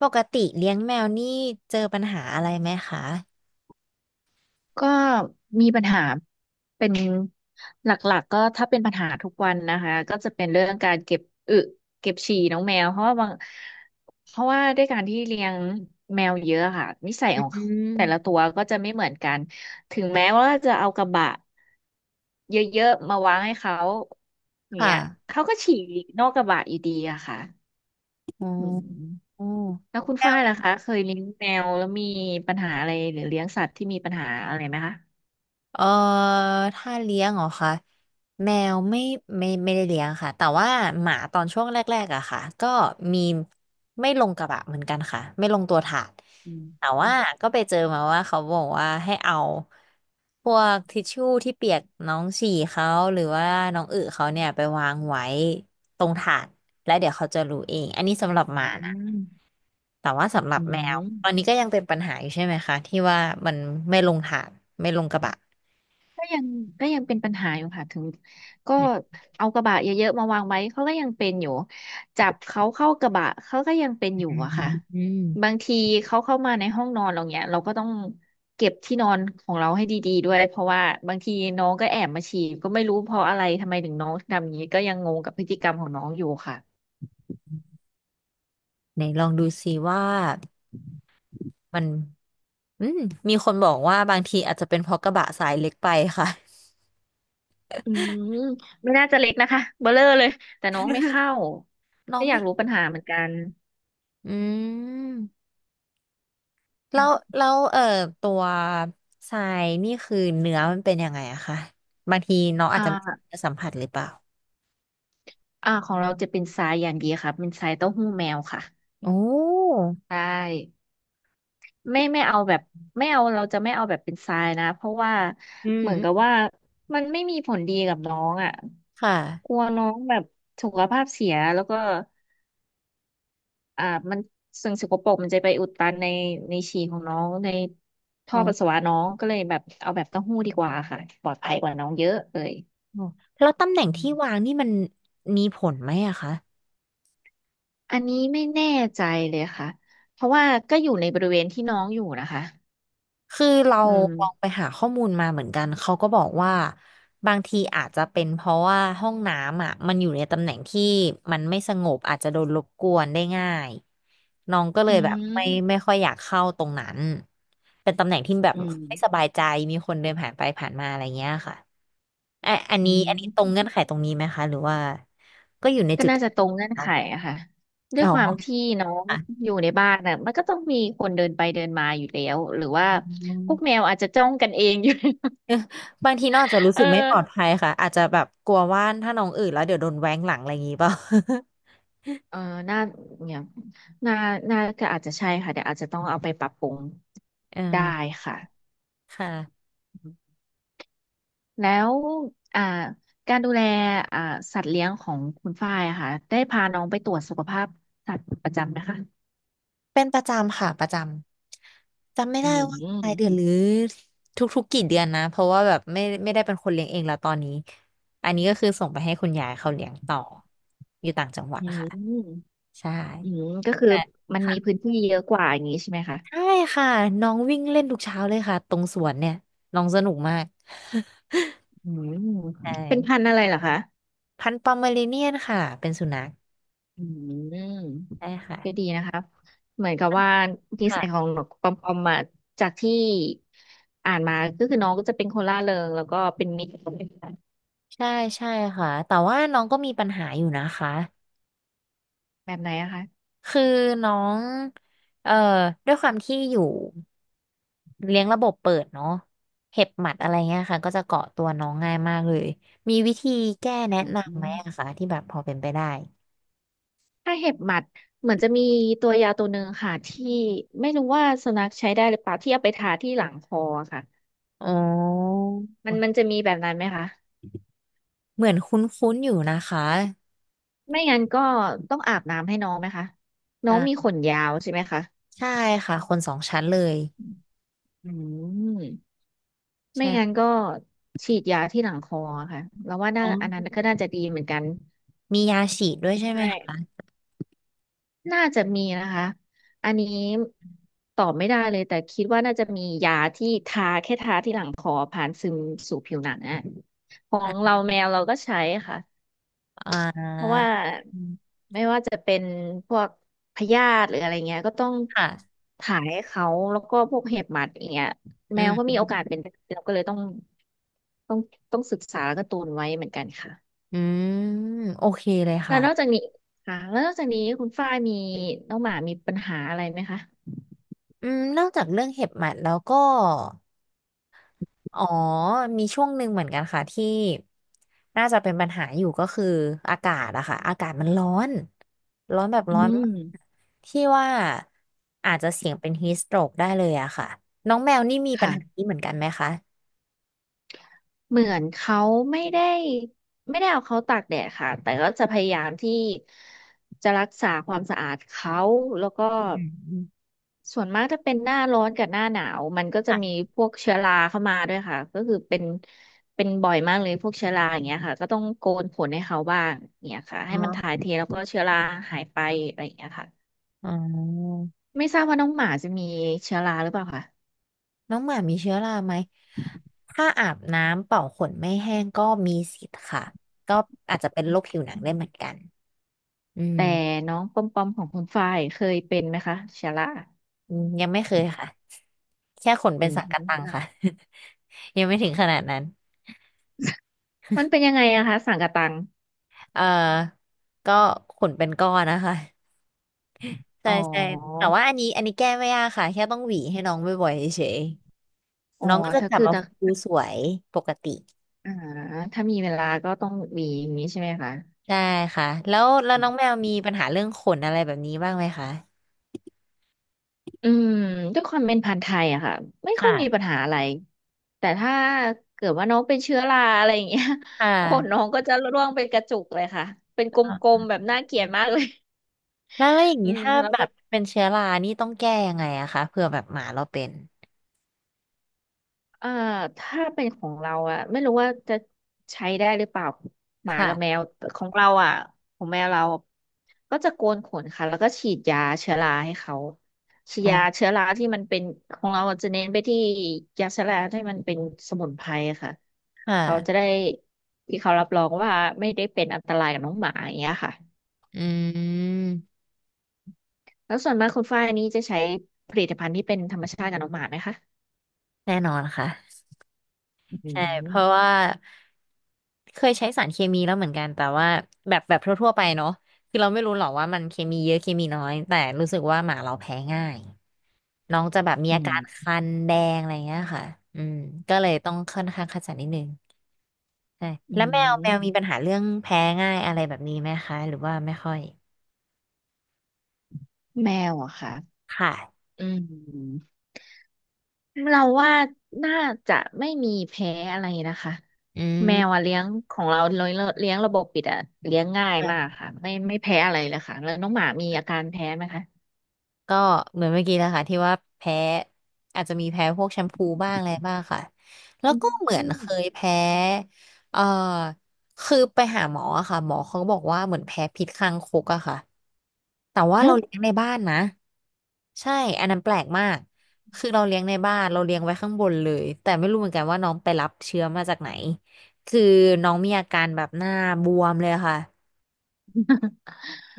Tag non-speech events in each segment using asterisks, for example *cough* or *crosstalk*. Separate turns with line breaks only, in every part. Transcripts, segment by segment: ปกติเลี้ยงแมวนี่เจอปัญหาอะไรไหมคะ
ก็มีปัญหาเป็นหลักๆก็ถ้าเป็นปัญหาทุกวันนะคะก็จะเป็นเรื่องการเก็บอึเก็บฉี่น้องแมวเพราะว่าด้วยการที่เลี้ยงแมวเยอะค่ะนิสัย
อื
ของแต่ละ
ม
ตัวก็จะไม่เหมือนกันถึงแม้ว่าจะเอากระบะเยอะๆมาวางให้เขาอย่าง
ค่ะ
เงี้ยเขาก็ฉี่นอกกระบะอยู่ดีอะค่ะอืม
อ๋อ
แล้วคุณ
แม
ฝ้า
ว
ยล่ะคะเคยเลี้ยงแมวแล้วมีปัญหาอะไรหรือเลี้ยงสัตว์ที่มีปัญหาอะไรไหมคะ
เออถ้าเลี้ยงเหรอคะแมวไม่ไม่ได้เลี้ยงค่ะแต่ว่าหมาตอนช่วงแรกๆอะค่ะก็มีไม่ลงกระบะเหมือนกันค่ะไม่ลงตัวถาด
อื
แต่
ม
ว่าก็ไปเจอมาว่าเขาบอกว่าให้เอาพวกทิชชู่ที่เปียกน้องฉี่เขาหรือว่าน้องอึเขาเนี่ยไปวางไว้ตรงถาดแล้วเดี๋ยวเขาจะรู้เองอันนี้สำหรับ
อื
หมานะ
ม
แต่ว่าสำหรับ
อื
แมวตอนนี้
ม
ก็ยังเป็นปัญหาอยู่ใช่ไหมคะที่ว่ามันไม่ลงถาดไม่ลงกระบะ
ก็ยังก็ยังเป็นปัญหาอยู่ค่ะถึงก็เอากระบะเยอะๆมาวางไว้เขาก็ยังเป็นอยู่จับเขาเข้ากระบะเขาก็ยังเป็นอยู่
อื
อะค่ะบา
ม
งทีเขาเข้ามาในห้องนอนเราเนี้ยเราก็ต้องเก็บที่นอนของเราให้ดีๆด้วยเพราะว่าบางทีน้องก็แอบมาฉี่ก็ไม่รู้เพราะอะไรทำไมถึงน้องทำอย่างนี้ก็ยังงงกับพฤติกรรมของน้องอยู่ค่ะ
ไหนลองดูสิว่ามันอืมมีคนบอกว่าบางทีอาจจะเป็นเพราะกระบะสายเล็กไปค่ะ
อืมไม่น่าจะเล็กนะคะเบลอเลยแต่น้องไม่เข้า
น้อ
ก็
ง
อยา
ไม่
กรู้ปัญหาเหมือนกัน
อืมแล้วแล้วตัวทรายนี่คือเนื้อมันเป็นยังไงอะคะบางทีน้องอาจจะ
อ่า
ไม่ได้สัมผัสหรือเปล่า
ของเราจะเป็นทรายอย่างดีค่ะเป็นทรายเต้าหู้แมวค่ะ
โอ้
ใช่ไม่เอาแบบไม่เอาเราจะไม่เอาแบบเป็นทรายนะเพราะว่า
อืม
เหมือน
อื
กับ
ม
ว่ามันไม่มีผลดีกับน้องอ่ะ
ค
ก
่ะ
ลัวน้องแบบสุขภาพเสียแล้วก็อ่ามันสิ่งสกปรกมันจะไปอุดตันในในฉี่ของน้องใน
อ๋
ท่อปัสสา
อ
วะน้องก็เลยแบบเอาแบบเต้าหู้ดีกว่าค่ะปลอดภัยกว่าน้องเยอะเลย
แล้วตำแหน่ง
อื
ที่
ม
วางนี่มันมีผลไหมอะคะ
อันนี้ไม่แน่ใจเลยค่ะเพราะว่าก็อยู่ในบริเวณที่น้องอยู่นะคะ
คือเรา
อื
ลองไป
ม
หาข้อมูลมาเหมือนกันเขาก็บอกว่าบางทีอาจจะเป็นเพราะว่าห้องน้ำอ่ะมันอยู่ในตำแหน่งที่มันไม่สงบอาจจะโดนรบกวนได้ง่ายน้องก็เล
อื
ยแบบไม่
ม
ค่อยอยากเข้าตรงนั้นเป็นตำแหน่งที่แบบ
อืม
ไม่สบายใจมีคนเดินผ่านไปผ่านมาอะไรเงี้ยค่ะอ่ะอัน
อื
นี้อันนี้ตรงเงื่อ
ม
นไขตรงนี้ไหมคะหรือว่าก็อยู่ใน
ก็
จุด
น่า
ที่
จะตรงเงื่อน
แล้
ไข
ว
อะค่ะด้ว
อ๋
ย
อ
ความที่น้อง
ค่ะ
อยู่ในบ้านน่ะมันก็ต้องมีคนเดินไปเดินมาอยู่แล้ว หรือว่าพวกแมวอาจจะจ้องกันเองอยู่ *laughs*
บางทีน้องอาจจะรู้
เอ
สึกไม่ปลอด
อ
ภัยค่ะอาจจะแบบกลัวว่าถ้าน้องอื่นแล้วเดี๋ยวโดนแว้งหลังอะไรอย่างงี้เปล่า
เออน่าเนี่ยน่าน่าก็อาจจะใช่ค่ะเดี๋ยวอาจจะต้องเอาไปปรับปรุง
*laughs* เออ
ได้ค่ะ
ค่ะ
แล้วอ่าการดูแลอ่าสัตว์เลี้ยงของคุณฝ้ายอะค่ะได้พาน้องไปตรวจสุขภาพสัตว์ประจำไหมคะ
เป็นประจำค่ะประจำจำไม่
อื
ได้ว่า
ม
รายเดือนหรือทุกๆกี่เดือนนะเพราะว่าแบบไม่ได้เป็นคนเลี้ยงเองแล้วตอนนี้อันนี้ก็คือส่งไปให้คุณยายเขาเลี้ยงต่ออยู่ต่างจังหวัด
อื
ค่ะ
ม
ใช่
อืมก็คือ
แต่
มันมีพื้
ค่ะ
นที่เยอะกว่าอย่างนี้ใช่ไหมคะ
ใช่ค่ะน้องวิ่งเล่นทุกเช้าเลยค่ะตรงสวนเนี่ยน้องสนุกมาก
อืม
*laughs* ใช่
เป็นพันธุ์อะไรเหรอคะ
*laughs* พันธุ์ปอมเมอเรเนียนค่ะเป็นสุนัข
อืม
ใช่ค่ะ
ก็ดีนะคะเหมือนกับว่านิสัยขอ
ค่ะ
งนกปอมปอมมาจากที่อ่านมาก็คือน้องก็จะเป็นคนร่าเริงแล้วก็เป็นมิตร
ใช่ใช่ค่ะแต่ว่าน้องก็มีปัญหาอยู่นะคะ
แบบไหนอะคะ
คือน้องเอ่อด้วยความที่อยู่เลี้ยงระบบเปิดเนาะเห็บหมัดอะไรเงี้ยค่ะก็จะเกาะตัวน้องง่ายมากเลยมีวิธีแก้แนะ
อื
นำไหม
ม
อะคะที่แบบพอเป็นไปได้
ถ้าเห็บหมัดเหมือนจะมีตัวยาตัวหนึ่งค่ะที่ไม่รู้ว่าสุนัขใช้ได้หรือเปล่าที่เอาไปทาที่หลังคอค่ะ
อ๋อ
มันมันจะมีแบบนั้นไหมคะ
เหมือนคุ้นๆอยู่นะคะ
ไม่งั้นก็ต้องอาบน้ำให้น้องไหมคะน้
อ่
องมี
า
ขนยาวใช่ไหมคะ
ใช่ค่ะคนสองชั้นเลย
อืมไม่งั้น
ใช่
ก็ฉีดยาที่หลังคอค่ะแล้วว่า
อ๋
น่าอันนั้น
อ
ก็น่าจะดีเหมือนกัน
มียาฉีดด้วยใช่
ใช
ไหม
่
คะ
น่าจะมีนะคะอันนี้ตอบไม่ได้เลยแต่คิดว่าน่าจะมียาที่ทาแค่ทาที่หลังคอผ่านซึมสู่ผิวหนังอะขอ
อ่
งเรา
า
แมวเราก็ใช้ค่ะ
อ่
เพราะ
า
ว่าไม่ว่าจะเป็นพวกพยาธิหรืออะไรเงี้ยก็ต้อง
ค่ะ
ถ่ายให้เขาแล้วก็พวกเห็บหมัดอย่างเงี้ย
อื
แมวก็มี
ม
โอกาสเป็นเราก็เลยต้องต้องศึกษาแล้วก็ตูนไว้เหมือนกันค่ะ
อืมโอเคเลย
แล้ว
ค่ะ
นอกจากนี้ค่ะแล้วนอกจากนี้คุณฝ้ายมีน้องหมามีปัญหาอะไรไหมคะ
อืมนอกจากเรื่องเห็บหมัดแล้วก็อ๋อมีช่วงหนึ่งเหมือนกันค่ะที่น่าจะเป็นปัญหาอยู่ก็คืออากาศอะค่ะอากาศมันร้อนร้อนแบบ
อื
ร้อนมาก
ม
ที่ว่าอาจจะเสี่ยงเป็นฮีสโตรกได้เลยอะค่ะน้องแมวนี่มีปัญหา
ค่ะ
นี้เหมือนกันไหมคะ
เหมือนเขาไม่ได้ไม่ได้เอาเขาตากแดดค่ะแต่ก็จะพยายามที่จะรักษาความสะอาดเขาแล้วก็
อืม
ส่วนมากถ้าเป็นหน้าร้อนกับหน้าหนาวมันก็จะมี
ค่ะ
พวกเชื้อราเข้ามาด้วยค่ะก็คือเป็นเป็นบ่อยมากเลยพวกเชื้อราอย่างเงี้ยค่ะก็ต้องโกนขนให้เขาบ้างเนี่ยค่ะ
อ๋
ให้มันถ่าย
อ
เทแล้วก็เชื้อราหายไปอะไรอย่างเงี้ยค่ะ
อ๋อ
ไม่ทราบว่าน้องหมาจะมีเชื้อราหรือเปล่าคะ
น้องหมามีเชื้อราไหมถ้าอาบน้ำเป่าขนไม่แห้งก็มีสิทธิ์ค่ะ ก็อาจจะเป็นโรคผิวหนังได้เหมือนกันอื
แต่
ม
น้องปอมปอมของคุณฝ้ายเคยเป็นไหมคะเชื้อรา
อืมยังไม่เคยค่ะแค่ขน
อื
เป็นสังกะตังค่ะ
ม
*laughs* ยังไม่ถึงขนาดนั้น
มันเป็นยังไงอะคะสังกะตัง
เอ่อก็ขนเป็นก้อนนะคะใช่
อ๋อ
ใช่แต่ว่าอันนี้แก้ไม่ยากค่ะแค่ต้องหวีให้น้องบ่อยๆเฉย
อ๋
ๆ
อ
น้องก็จะ
ถ้า
กลับ
คือ
มา
ถ้า
ฟูสวยปกติ
อ่าถ้ามีเวลาก็ต้องมีอย่างนี้ใช่ไหมคะ
ใช่ค่ะแล้ว
อื
น้องแมวมีปัญหาเรื่องขนอะไรแบบนี้บ้างไหมคะ
อืมด้วยความเป็นพันธุ์ไทยอะค่ะไม่ค่อยมีปัญ
ค่ะ
หาอะไรแต่ถ้าเกิดว่าน้องเป็นเชื้อราอะไรอย่างเงี้ย
ค่
*laughs* ขนน้อ
ะ
งก็จะร่วงเป็นกระจุกเลยค่ะเป็นก
อ่
ล
ะ
มๆแบบน่าเกลียดมากเลย
แล้วอย่าง
อื
นี้
ม
ถ้า
แล้ว
แบ
ก็
บเป็นเชื้อรานี่ต้องแก้ยังไงอะคะเผื่อแบบหมาเราเป็น
เอ่อถ้าเป็นของเราอะไม่รู้ว่าจะใช้ได้หรือเปล่าหมา
ค่ะ
กับแมวแต่ของเราอะของแมวเราก็จะโกนขนค่ะแล้วก็ฉีดยาเชื้อราให้เขาฉีด
อ๋
ยา
อ
เชื้อราที่มันเป็นของเราจะเน้นไปที่ยาเชื้อราที่มันเป็นสมุนไพรค่ะ
ค่
เขาจะได้
ะ
ที่เขารับรองว่าไม่ได้เป็นอันตรายกับน้องหมาอย่างเงี้ยค่ะ
อืม
แล้วส่วนมากคุณฝ้ายนี่จะใช้ผลิตภัณฑ์ที่เป็นธรรมชาติกับน้องหมาไหมคะ
แน่นอนค่ะ
อื
ใช่เพราะ
ม
ว่าเคยใช้สารเคมีแล้วเหมือนกันแต่ว่าแบบทั่วๆไปเนาะคือเราไม่รู้หรอกว่ามันเคมีเยอะเคมีน้อยแต่รู้สึกว่าหมาเราแพ้ง่ายน้องจะแบบมี
อื
อาการ
ม
คันแดงอะไรเงี้ยค่ะอืมก็เลยต้องค่อนข้างคัดสรรนิดนึง ใช่
อื
แล้วแมวมี
ม
ปัญหาเรื่องแพ้ง่ายอะไรแบบนี้ไหมคะหรือว่าไม่ค่อย
แมวอะค่ะ
ค่ะ
อืมเราว่าน่าจะไม่มีแพ้อะไรนะคะ
อื
แมวอะ
ม
เลี้ยงของเราเลี้ยงเลี้ยงระบบปิดอะเลี้ยงง่ายมาก
ค่ะ
ค่ะไม่แพ้อะไรเลยค่ะแล้วน้องหมามีอาการแพ้ไหมคะ
ก็เหมือนเมื่อกี้แล้วค่ะที่ว่าแพ้อาจจะมีแพ้พวกแชมพูบ้างอะไรบ้างค่ะแล้ว
อื
ก็เหมือน
ม
เคยแพ้เอ่อคือไปหาหมออะค่ะหมอเขาก็บอกว่าเหมือนแพ้พิษคางคกอะค่ะแต่ว่า
*laughs*
เรา
ฮะ
เลี้ยงในบ้านนะ ใช่ อันนั้นแปลกมาก คือเราเลี้ยงในบ้าน เราเลี้ยงไว้ข้างบนเลย แต่ไม่รู้เหมือนกันว่าน้องไปรับเชื้อมาจากไหน คือน้องมีอาการแบบหน้าบวมเลยค่ะ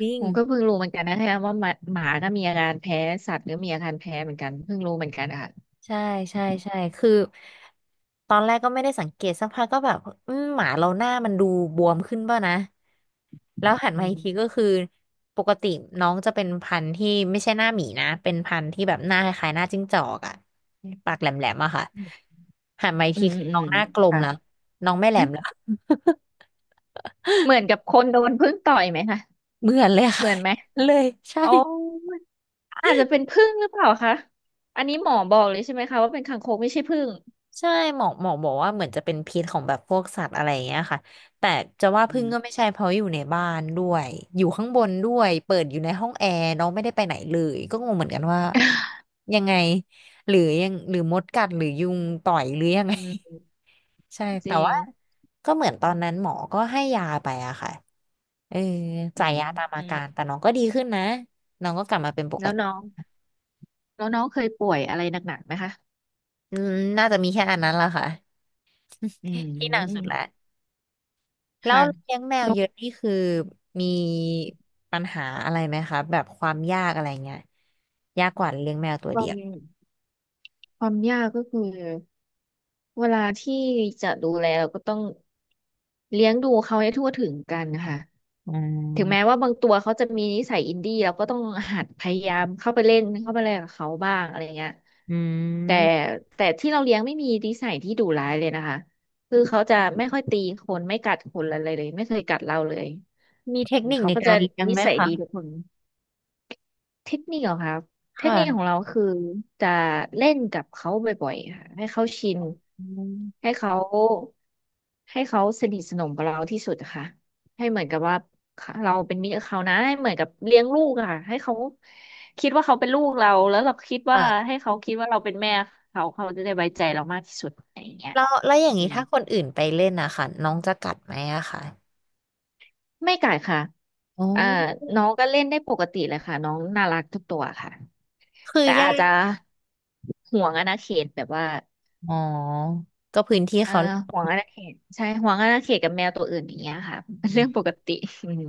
จริง
ผมก็เพิ่งรู้เหมือนกันนะคะว่าหมาก็มีอาการแพ้สัตว์ก็มีอาการแพ้เหมือนกันเพิ่งรู้เหมือนกันอะค่ะ
ใช่ใช่ใช่คือตอนแรกก็ไม่ได้สังเกตสักพักก็แบบหมาเราหน้ามันดูบวมขึ้นป่ะนะแล้วหัน
อื
มาอีกทีก็
ม
คือปกติน้องจะเป็นพันธุ์ที่ไม่ใช่หน้าหมีนะเป็นพันธุ์ที่แบบหน้าคล้ายๆหน้าจิ้งจอกอะปากแหลมๆอะค่ะหันมาอีก
อื
ที
มอืม
คือ
อื
น้อ
ม
งหน้ากลม
ค่ะ
แล้วน้องไม่แหลมแล้
*laughs*
ว *laughs*
เหมือนกับคนโดนผึ้งต่อยไหมคะ
เหมือนเลย
เห
ค่ะ
มือนไหม
*laughs* เลยใช่
โอ้ อาจจะเป็นผึ้งหรือเปล่าคะ อันนี้หมอบอกเลยใช่ไหมคะว่าเป็นคางคกไม่ใช่ผึ้ง
ใช่หมอบอกว่าเหมือนจะเป็นพิษของแบบพวกสัตว์อะไรอย่างเงี้ยค่ะแต่จะว่า
อื
พึ่งก็
ม
ไม่ใช่เพราะอยู่ในบ้านด้วยอยู่ข้างบนด้วยเปิดอยู่ในห้องแอร์น้องไม่ได้ไปไหนเลยก็งงเหมือนกันว่ายังไงหรือยังหรือมดกัดหรือยุงต่อยหรือยังไง
อืม
*laughs* ใช่
จ
แต่
ริง
ว่าก็เหมือนตอนนั้นหมอก็ให้ยาไปอะค่ะเออ
อื
จ่าย
ม
ยาตามอา
อืม
การแต่น้องก็ดีขึ้นนะน้องก็กลับมาเป็นปก
แล้ว
ติ
น้องแล้วน้องเคยป่วยอะไรหนักๆไหมคะ
อืมน่าจะมีแค่อันนั้นละค่ะ
อื
ที่หนักสุด
ม
ละ แล้ว
ค่ะ
เลี้ยงแมว
น้อง
เยอะนี่คือมีปัญหาอะไรไหมคะแบบความยากอะไรเงี้ยยากกว่าเลี้ยงแมวตัว
ค
เดี
วา
ยว
มความยากก็คือเวลาที่จะดูแลเราก็ต้องเลี้ยงดูเขาให้ทั่วถึงกันค่ะ
อื
ถึงแม้
ม
ว่าบางตัวเขาจะมีนิสัยอินดี้เราก็ต้องหัดพยายามเข้าไปเล่นกับเขาบ้างอะไรเงี้ย
อื
แต่
ม
แต่ที่เราเลี้ยงไม่มีนิสัยที่ดุร้ายเลยนะคะคือเขาจะไม่ค่อยตีคนไม่กัดคนอะไรเลยไม่เคยกัดเราเลย
มี
อื
เทค
ม
นิค
เขา
ใน
ก็
กา
จะ
รเลี้ยง
นิ
ไหม
สัย
คะ
ดีทุกคน เทคนิคเหรอครับเทค
ค่ะ
นิคของเราคือจะเล่นกับเขาบ่อยๆค่ะให้เขาชิน
อืม
ให้เขาให้เขาสนิทสนมกับเราที่สุดอะค่ะให้เหมือนกับว่าเราเป็นมิตรกับเขานะให้เหมือนกับเลี้ยงลูกอะค่ะให้เขาคิดว่าเขาเป็นลูกเราแล้วเราคิดว่าให้
ค่ะ
เขาคิดว่าเราเป็นแม่เขาจะได้ไว้ใจเรามากที่สุดอะไรอย่างเงี้ย
แล้วอย่าง
อื
นี้
ม
ถ้าคนอื่นไปเล่นนะคะน้องจะกัดไหมอะคะ
ไม่กัดค่ะ
อ๋อ
อ่าน้องก็เล่นได้ปกติเลยค่ะน้องน่ารักทุกตัวค่ะ
คือ
แต่
ยา
อาจจะ
ก
ห่วงอาณาเขตแบบว่า
อ๋อก็พื้นที่
เออ
เขาแหละ
ห่วงอาณาเขตใช่ห่วงอาณาเขตกับแมวตัวอื่นอย่างเงี้ยค่ะเป็นเรื่องปกติอืม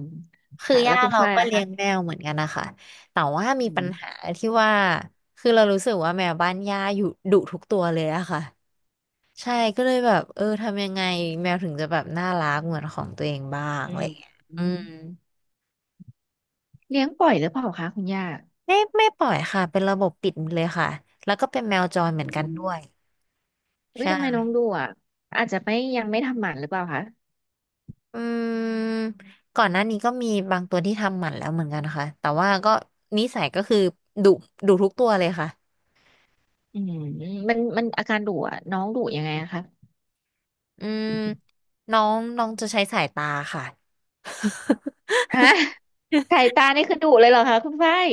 คือ
ค่ะแล้
ย่า
วคุณ
เรา
ฝ้าย
ก็
ล่ะ
เลี้ย
คะ
งแมวเหมือนกันนะคะแต่ว่ามี
อื
ปัญ
ม
หาที่ว่าคือเรารู้สึกว่าแมวบ้านย่าอยู่ดุทุกตัวเลยอะค่ะใช่ก็เลยแบบเออทำยังไงแมวถึงจะแบบน่ารักเหมือนของตัวเองบ้าง
อื
อะไร
ม
อย่างเงี้ย
อื
อื
ม
ม
เลี้ยงปล่อยหรือเปล่าคะคุณย่า
ไม่ปล่อยค่ะเป็นระบบปิดเลยค่ะแล้วก็เป็นแมวจรเหมือน
อื
กันด้
ม
วย
อุ้ยทำไมน้อ
ใช่
งดุอ่ะอาจจะไม่ยังไม่ทำหมันหรือเปล่าคะ
อืมก่อนหน้านี้ก็มีบางตัวที่ทำหมันแล้วเหมือนกันนะคะแต่ว่าก็นิสัยก็คือดุดุทุกตัวเลยค่ะ
อืมมันอาการดุอ่ะน้องดุยังไงอะคะ
อืมน้องน้องจะใช้สายตาค่ะ *laughs*
ฮะ *laughs* สายตานี่คือดุเลยเหรอคะคุณฝ้าย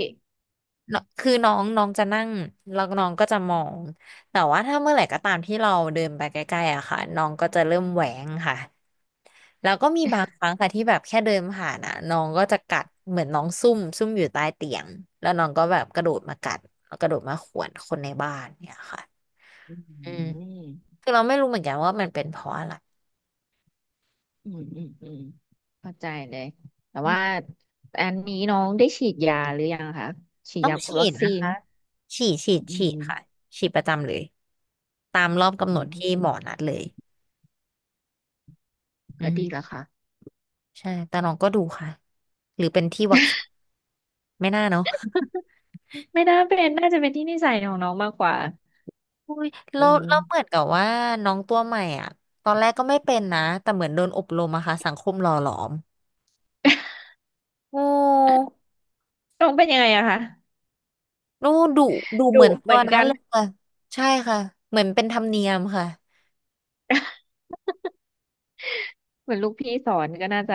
เนอะคือน้องน้องจะนั่งแล้วน้องก็จะมอง แต่ว่าถ้าเมื่อไหร่ก็ตามที่เราเดินไปใกล้ๆอะค่ะน้องก็จะเริ่มแหวงค่ะ แล้วก็มีบางครั้งค่ะที่แบบแค่เดินผ่านอะน้องก็จะกัดเหมือนน้องซุ่มอยู่ใต้เตียงแล้วน้องก็แบบกระโดดมากัดแล้วกระโดดมาข่วนคนในบ้านเนี่ยค่ะ
อื
อืม
ม
คือเราไม่รู้เหมือนกันว่ามันเป็นเพราะอะไร
อืมอืมอืมเข้าใจเลยแต่ว่าอันนี้น้องได้ฉีดยาหรือยังคะฉีด
ต้อง
ยากั
ฉี
บวัค
ด
ซี
นะ
น
คะฉีดฉีด
อื
ฉีด
ม
ค่ะฉีดประจำเลยตามรอบกำห
อื
นด
ม
ที่หมอนัดเลยอื
ก็ดีแล้
ม
วค่ะ
ใช่แต่น้องก็ดูค่ะหรือเป็นที่วัคซีนไม่น่าเนาะ
ไม่น่าเป็นน่าจะเป็นที่นิสัยของน้องมากกว่า
อุ้ย
อื
แล้ว
ม
แล้วเหมือนกับว่าน้องตัวใหม่อ่ะตอนแรกก็ไม่เป็นนะแต่เหมือนโดนอบรมอะค่ะสังคมหล่อหลอมโอ้
น้องเป็นยังไงอะคะ
ดูดูดูเห
ดุ
มือน
เห
ตั
มื
ว
อน
นั้
กั
น
น
เลยค่ะใช่ค่ะเหมือนเป็นธรรมเนียมค่ะ
เหมือนลูกพี่สอนก็น่าจะ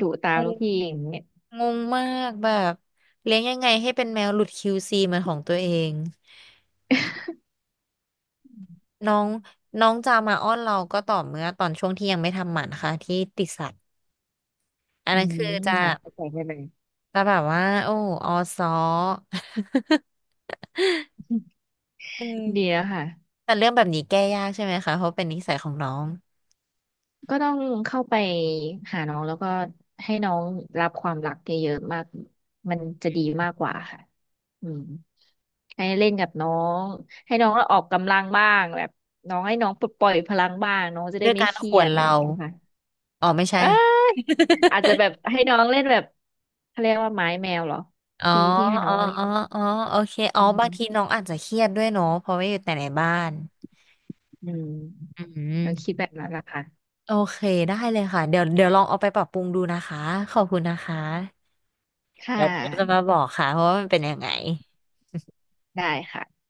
ดุตาม
ง
ลูกพี่
ง
อย่างเงี้ย
งงมากแบบเลี้ยงยังไงให้เป็นแมวหลุด QC เหมือนของตัวเอง น้องน้องจะมาอ้อนเราก็ต่อเมื่อตอนช่วงที่ยังไม่ทำหมันค่ะที่ติดสัตว์อัน
อื
นั้นคือ
ม
จะ
ค่ะเข้าใจได้เลย
จะแบบว่าโอ้ออซ้อ *laughs* อืม
*laughs* ดีแล้วค่ะ
แต่เรื่องแบบนี้แก้ยากใช่ไหมคะเพราะเป็นนิสัยของน้อง
ก็ต้องเข้าไปหาน้องแล้วก็ให้น้องรับความรักเยอะๆมากมันจะดีมากกว่าค่ะอืมให้เล่นกับน้อง ให้น้องออกกำลังบ้างแบบ น้องให้น้องปลดปล่อยพลังบ้างน้องจะ
ด้
ได้
วย
ไม่
การ
เครี
ข่
ย
ว
ด
น
อะไรอ
เรา
ย่างเงี้ยค่ะ
อ๋อไม่ใช่
เอ้ยอาจจะแบบให้น้องเล่นแบบเขาเรียกว่าไม้แมวเหรอ
*laughs* อ๋อ
ที่ที่ให้น้
อ๋
อ
อ
งเล่
อ๋
น
ออ๋อโอเคอ๋อ
อื
บา
ม
งทีน้องอาจจะเครียดด้วยเนาะเพราะว่าอยู่แต่ในบ้าน
อืม
อืม
เราคิดแบบนั้นละค่ะ
โอเคได้เลยค่ะเดี๋ยวลองเอาไปปรับปรุงดูนะคะขอบคุณนะคะ
ค่ะ
เดี๋ยวเราจะมาบอกค่ะเพราะว่ามันเป็นยังไง
ได้ค่ะ